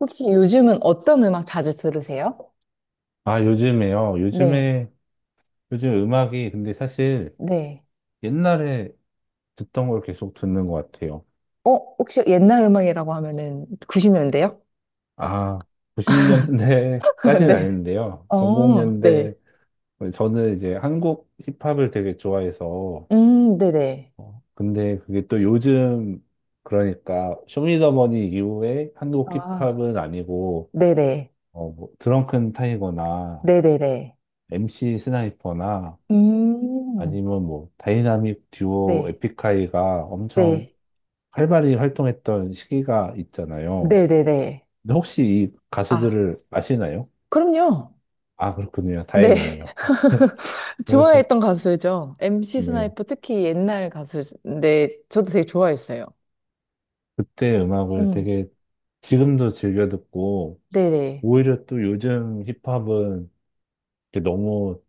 혹시 요즘은 어떤 음악 자주 들으세요? 아, 요즘에요. 네, 요즘 음악이, 근데 사실 네. 옛날에 듣던 걸 계속 듣는 것 같아요. 어, 혹시 옛날 음악이라고 하면은 90년대요? 아, 90년대까지는 네. 아닌데요. 어, 네. 00년대, 저는 이제 한국 힙합을 되게 좋아해서, 네네. 근데 그게 또 요즘, 그러니까, 쇼미더머니 이후에 한국 아, 힙합은 아니고, 네네. 어, 뭐, 드렁큰 타이거나, 네네네. MC 스나이퍼나, 음, 아니면 뭐, 다이나믹 듀오 네, 에픽하이가 엄청 네. 활발히 활동했던 시기가 있잖아요. 네네네. 근데 혹시 이 아, 가수들을 아시나요? 그럼요. 아, 그렇군요. 네. 다행이네요. 그래서, 좋아했던 가수죠. MC 네. 스나이퍼 특히 옛날 가수인데 저도 되게 좋아했어요. 그때 음악을 음, 되게 지금도 즐겨 듣고, 네네. 오히려 또 요즘 힙합은 이렇게 너무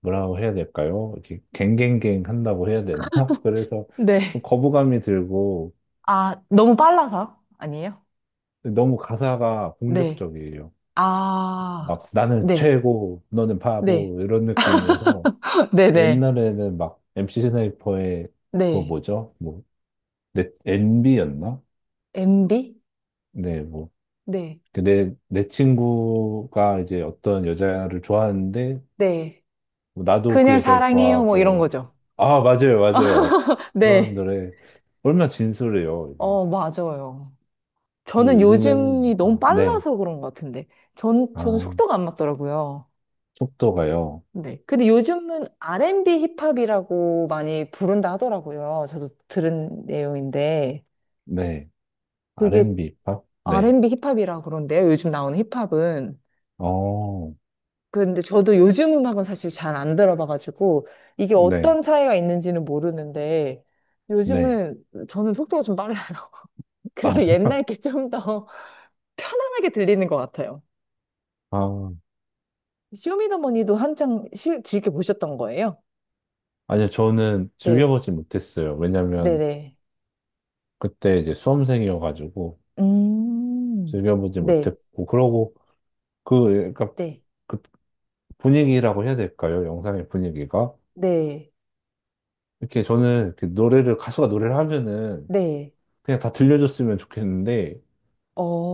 뭐라고 해야 될까요? 이렇게 갱갱갱 한다고 해야 되나? 그래서 좀 네. 거부감이 들고, 아, 너무 빨라서 아니에요? 너무 가사가 네. 공격적이에요. 아, 막 나는 네. 최고, 너는 네. 바보, 이런 느낌이어서. 네네. 옛날에는 막 MC 스나이퍼의 그거 네. 뭐죠? 뭐, 넷, NB였나? MB? 네, 뭐. 네. 그 내 친구가 이제 어떤 여자를 좋아하는데, 네. 뭐 나도 그 그녀를 여자를 사랑해요. 뭐 이런 좋아하고, 거죠. 아, 맞아요, 맞아요. 그런 네. 노래. 얼마나 진솔해요, 이게. 어, 맞아요. 근데 저는 요즘에는, 요즘이 너무 아, 네. 빨라서 그런 것 같은데. 전, 아, 저는 속도가 안 맞더라고요. 속도가요. 네. 근데 요즘은 R&B 힙합이라고 많이 부른다 하더라고요. 저도 들은 내용인데. 네. 그게 R&B 팝? 네. R&B 힙합이라 그런데요. 요즘 나오는 힙합은. 어, 근데 저도 요즘 음악은 사실 잘 안 들어봐가지고 이게 네. 어떤 차이가 있는지는 모르는데 네. 요즘은 저는 속도가 좀 빨라요. 아, 그래서 옛날 게 좀 더 편안하게 들리는 것 같아요. 아, 쇼미더머니도 한창 즐겨 보셨던 거예요? 아니요, 저는 네, 즐겨보지 못했어요. 왜냐면, 네네. 그때 이제 수험생이어가지고 음, 즐겨보지 네, 못했고 그러고 그 그러니까 네, 그 분위기라고 해야 될까요? 영상의 분위기가 네, 이렇게 저는 이렇게 노래를 가수가 노래를 하면은 네, 그냥 다 들려줬으면 좋겠는데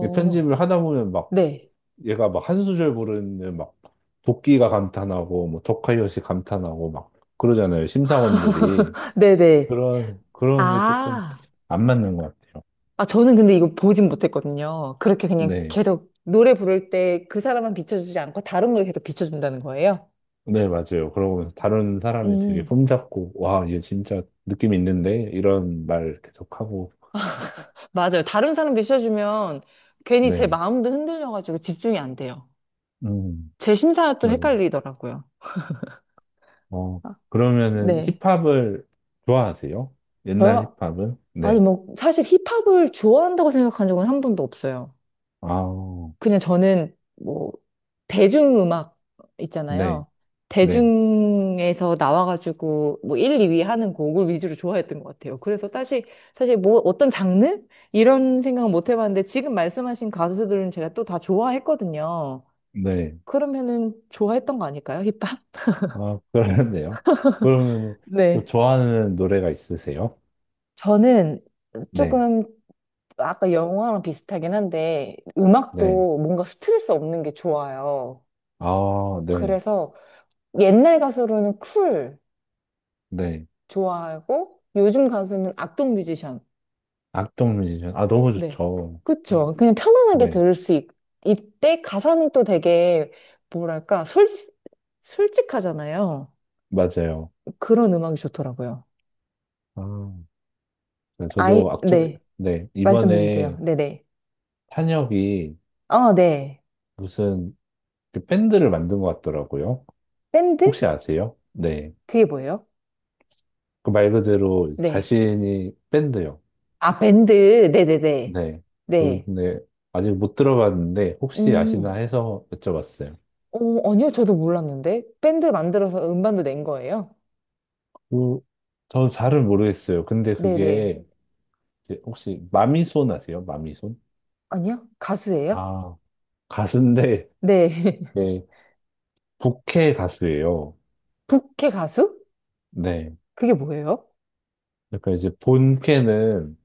이게 편집을 하다 보면 막 네, 얘가 막 한 수절 부르는 막 도끼가 감탄하고 뭐 더카이엇이 감탄하고 막 그러잖아요, 심사원들이. 네네. 그런 게 조금 아. 안 맞는 것 같아요. 아, 저는 근데 이거 보진 못했거든요. 그렇게 그냥 네. 계속 노래 부를 때 그 사람만 비춰주지 않고 다른 걸 계속 비춰준다는 거예요? 네, 맞아요. 그러고 다른 사람이 되게 음, 폼잡고, 와, 얘 진짜 느낌 있는데? 이런 말 계속하고, 맞아요. 다른 사람 비춰주면 괜히 제 네. 마음도 흔들려가지고 집중이 안 돼요. 음, 제 심사가 또 맞아요. 헷갈리더라고요. 어, 아, 그러면은 네. 힙합을 좋아하세요? 옛날 저요? 힙합은? 아니, 네. 뭐, 사실 힙합을 좋아한다고 생각한 적은 한 번도 없어요. 아, 그냥 저는 뭐 대중음악 네, 있잖아요. 네, 대중에서 나와가지고 뭐 1, 2위 하는 곡을 위주로 좋아했던 것 같아요. 그래서 사실 뭐 어떤 장르 이런 생각은 못 해봤는데 지금 말씀하신 가수들은 제가 또 다 좋아했거든요. 네. 그러면은 좋아했던 거 아닐까요? 힙합? 아, 그러네요. 그러면은 또 네. 좋아하는 노래가 있으세요? 저는 네, 조금 아까 영화랑 비슷하긴 한데 네. 음악도 뭔가 스트레스 없는 게 좋아요. 아, 네, 그래서 옛날 가수로는 쿨. 네. 좋아하고 요즘 가수는 악동 뮤지션. 악동 뮤지션. 아, 너무 네. 좋죠. 음, 그쵸. 그냥 편안하게 네, 들을 수 있, 이때 가사는 또 되게 뭐랄까 솔직하잖아요. 맞아요. 그런 음악이 좋더라고요. 아. 네, 아이, 저도 악전, 네. 네, 말씀해 주세요. 이번에 네네. 탄혁이 어, 네. 무슨 그 밴드를 만든 것 같더라고요. 밴드? 혹시 아세요? 네. 그게 뭐예요? 그 말 그대로 네. 자신이 밴드요. 아, 밴드. 네네네. 네. 네. 그런데 아직 못 들어봤는데 혹시 아시나 음. 해서 여쭤봤어요. 어, 아니요. 저도 몰랐는데. 밴드 만들어서 음반도 낸 거예요? 그, 는 잘은 모르겠어요. 근데 네네. 그게 이제 혹시 마미손 아세요? 마미손? 아니요? 가수예요? 아, 가수인데, 네. 네, 부캐 가수예요. 부캐 가수? 네. 그게 뭐예요? 그러니까 이제 본캐는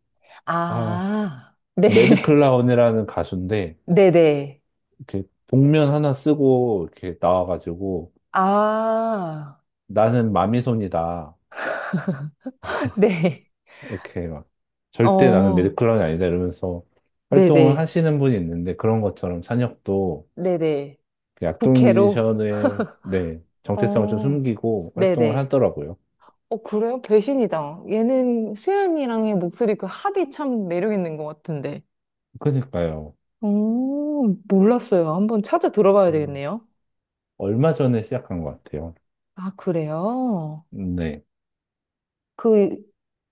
아, 아, 네. 매드 클라운이라는 가수인데 네네. 이렇게 복면 하나 쓰고 이렇게 나와가지고 아, 나는 마미손이다 네. 이렇게 막 절대 나는 어, 매드 클라운이 아니다 이러면서 활동을 네네. 하시는 분이 있는데 그런 것처럼 찬혁도 네네. 그 약동 부캐로? 뮤지션의 네 정체성을 좀 어, 숨기고 활동을 네네. 하더라고요. 어, 그래요? 배신이다. 얘는 수연이랑의 목소리 그 합이 참 매력 있는 것 같은데. 그러니까요. 음, 몰랐어요. 한번 찾아 들어봐야 음, 되겠네요. 얼마 전에 시작한 것 같아요. 아, 그래요? 네, 그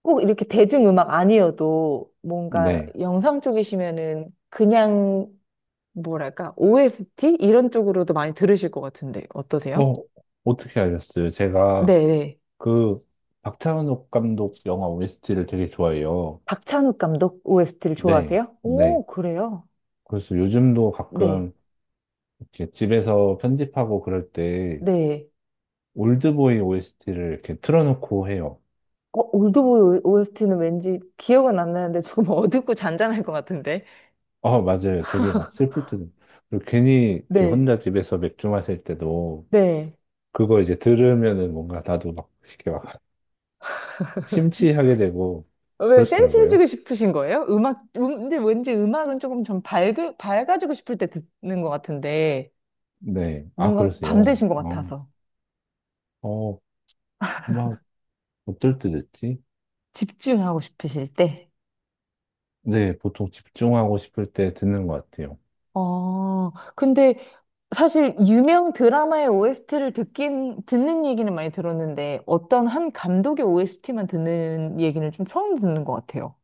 꼭 이렇게 대중음악 아니어도 뭔가 네. 영상 쪽이시면은 그냥 뭐랄까 OST 이런 쪽으로도 많이 들으실 것 같은데 어떠세요? 어, 어떻게 알았어요? 제가 네네. 그 박찬욱 감독 영화 OST를 되게 좋아해요. 박찬욱 감독 OST를 네, 좋아하세요? 네. 오, 그래요? 그래서 요즘도 네, 가끔 이렇게 집에서 편집하고 그럴 때 네. 올드보이 OST를 이렇게 틀어놓고 해요. 어, 올드보이 OST는 왠지 기억은 안 나는데 조금 어둡고 잔잔할 것 같은데. 아, 맞아요. 되게 막 슬플 때도. 그리고 괜히 이렇게 네, 혼자 집에서 맥주 마실 때도 네. 그거 이제 들으면은 뭔가 나도 막 이렇게 막 심취하게 되고 왜 그렇더라고요. 센치해지고 싶으신 거예요? 음악, 근데 왠지 음악은 조금 좀 밝아지고 싶을 때 듣는 것 같은데. 네. 아, 뭔가 밤 그러세요. 되신 것 같아서 어, 막 어떨 때 듣지? 집중하고 싶으실 때. 네, 보통 집중하고 싶을 때 듣는 것 같아요. 어, 근데 사실 유명 드라마의 OST를 듣는 얘기는 많이 들었는데 어떤 한 감독의 OST만 듣는 얘기는 좀 처음 듣는 것 같아요.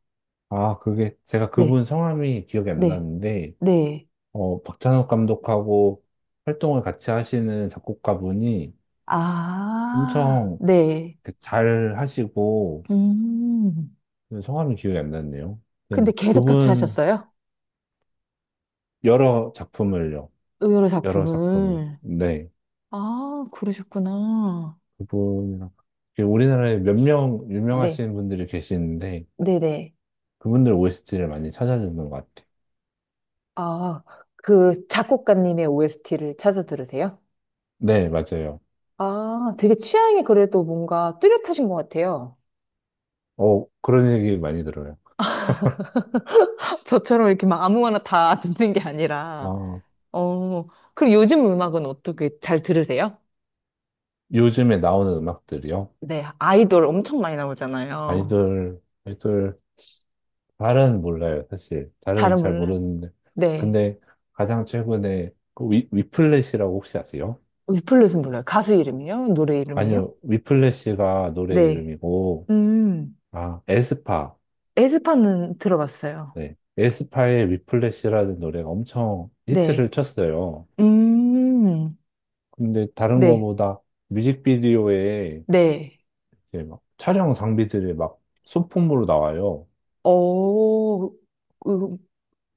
아, 그게, 제가 네, 그분 성함이 기억이 안 네, 나는데, 네. 어, 박찬욱 감독하고 활동을 같이 하시는 작곡가분이 아, 엄청 네. 이렇게 잘 하시고, 음. 성함이 기억이 안 났네요. 근데 아무튼 계속 같이 그분 하셨어요? 여러 작품을요. 의러로 여러 작품을. 작품을. 네. 아, 그러셨구나. 그분이랑. 이게 우리나라에 몇 명 네, 유명하신 분들이 계시는데, 네네. 그분들 OST를 많이 찾아주는 것 같아요. 아, 그 작곡가님의 OST를 찾아 들으세요? 네, 맞아요. 아, 되게 취향이 그래도 뭔가 뚜렷하신 것 같아요. 어, 그런 얘기 많이 들어요. 저처럼 이렇게 막 아무거나 다 듣는 게 아니라, 아, 어, 그럼 요즘 음악은 어떻게 잘 들으세요? 요즘에 나오는 음악들이요. 네, 아이돌 엄청 많이 나오잖아요. 아이돌, 아이돌, 잘은 몰라요, 사실. 잘은 잘은 잘 몰라요. 모르는데. 네. 근데 가장 최근에 그 위플래시라고 혹시 아세요? 리플렛은 몰라요. 가수 이름이요? 노래 이름이요? 아니요, 위플래시가 노래 네. 이름이고, 음, 아, 에스파. 에스파는 들어봤어요. 네. 에스파의 위플래시라는 노래가 엄청 네. 히트를 쳤어요. 음, 근데 다른 네. 거보다 뮤직비디오에 네. 이제 막 촬영 장비들이 막 소품으로 나와요. 어,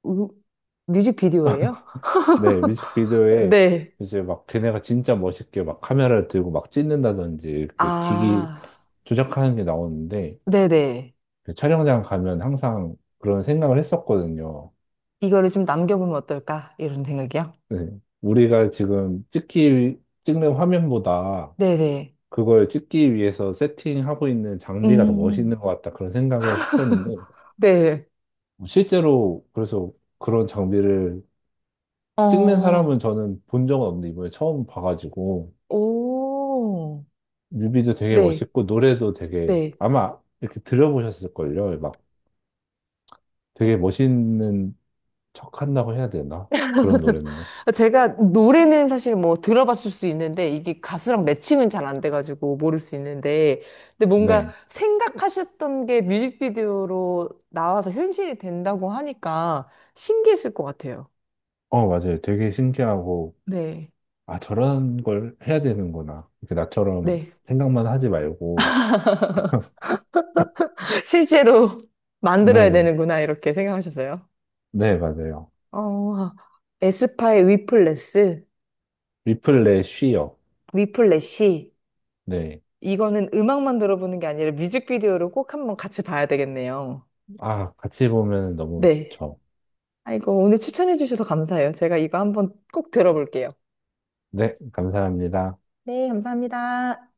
음, 뮤직비디오예요? 네, 뮤직비디오에 네. 이제 막 걔네가 진짜 멋있게 막 카메라를 들고 막 찍는다든지 이렇게 기기 아, 조작하는 게 나오는데 네네. 그 촬영장 가면 항상 그런 생각을 했었거든요. 이거를 좀 남겨보면 어떨까? 이런 생각이요? 네, 우리가 지금 찍는 화면보다 네네. 그걸 찍기 위해서 세팅하고 있는 장비가 더 멋있는 음, 것 같다 그런 생각을 했었는데 네. 실제로 그래서 그런 장비를 찍는 사람은 어, 저는 본 적은 없는데 이번에 처음 봐가지고 오, 뮤비도 되게 네, 멋있고 노래도 되게 네. 아마 이렇게 들어보셨을걸요. 막 되게 멋있는 척한다고 해야 되나? 그런 노래인데. 제가 노래는 사실 뭐 들어봤을 수 있는데, 이게 가수랑 매칭은 잘 안 돼가지고 모를 수 있는데, 근데 뭔가 네. 생각하셨던 게 뮤직비디오로 나와서 현실이 된다고 하니까 신기했을 것 같아요. 어, 맞아요. 되게 신기하고 네, 아, 저런 걸 해야 되는구나. 이렇게 나처럼 네. 생각만 하지 말고. 실제로 만들어야 네. 되는구나, 이렇게 생각하셨어요. 네, 맞아요. 어, 에스파의 위플레스, 리플레 쉬어. 위플래시. 네. 이거는 음악만 들어보는 게 아니라 뮤직비디오를 꼭 한번 같이 봐야 되겠네요. 아, 같이 보면 너무 네. 좋죠. 아이고, 오늘 추천해 주셔서 감사해요. 제가 이거 한번 꼭 들어볼게요. 네, 감사합니다. 네, 감사합니다.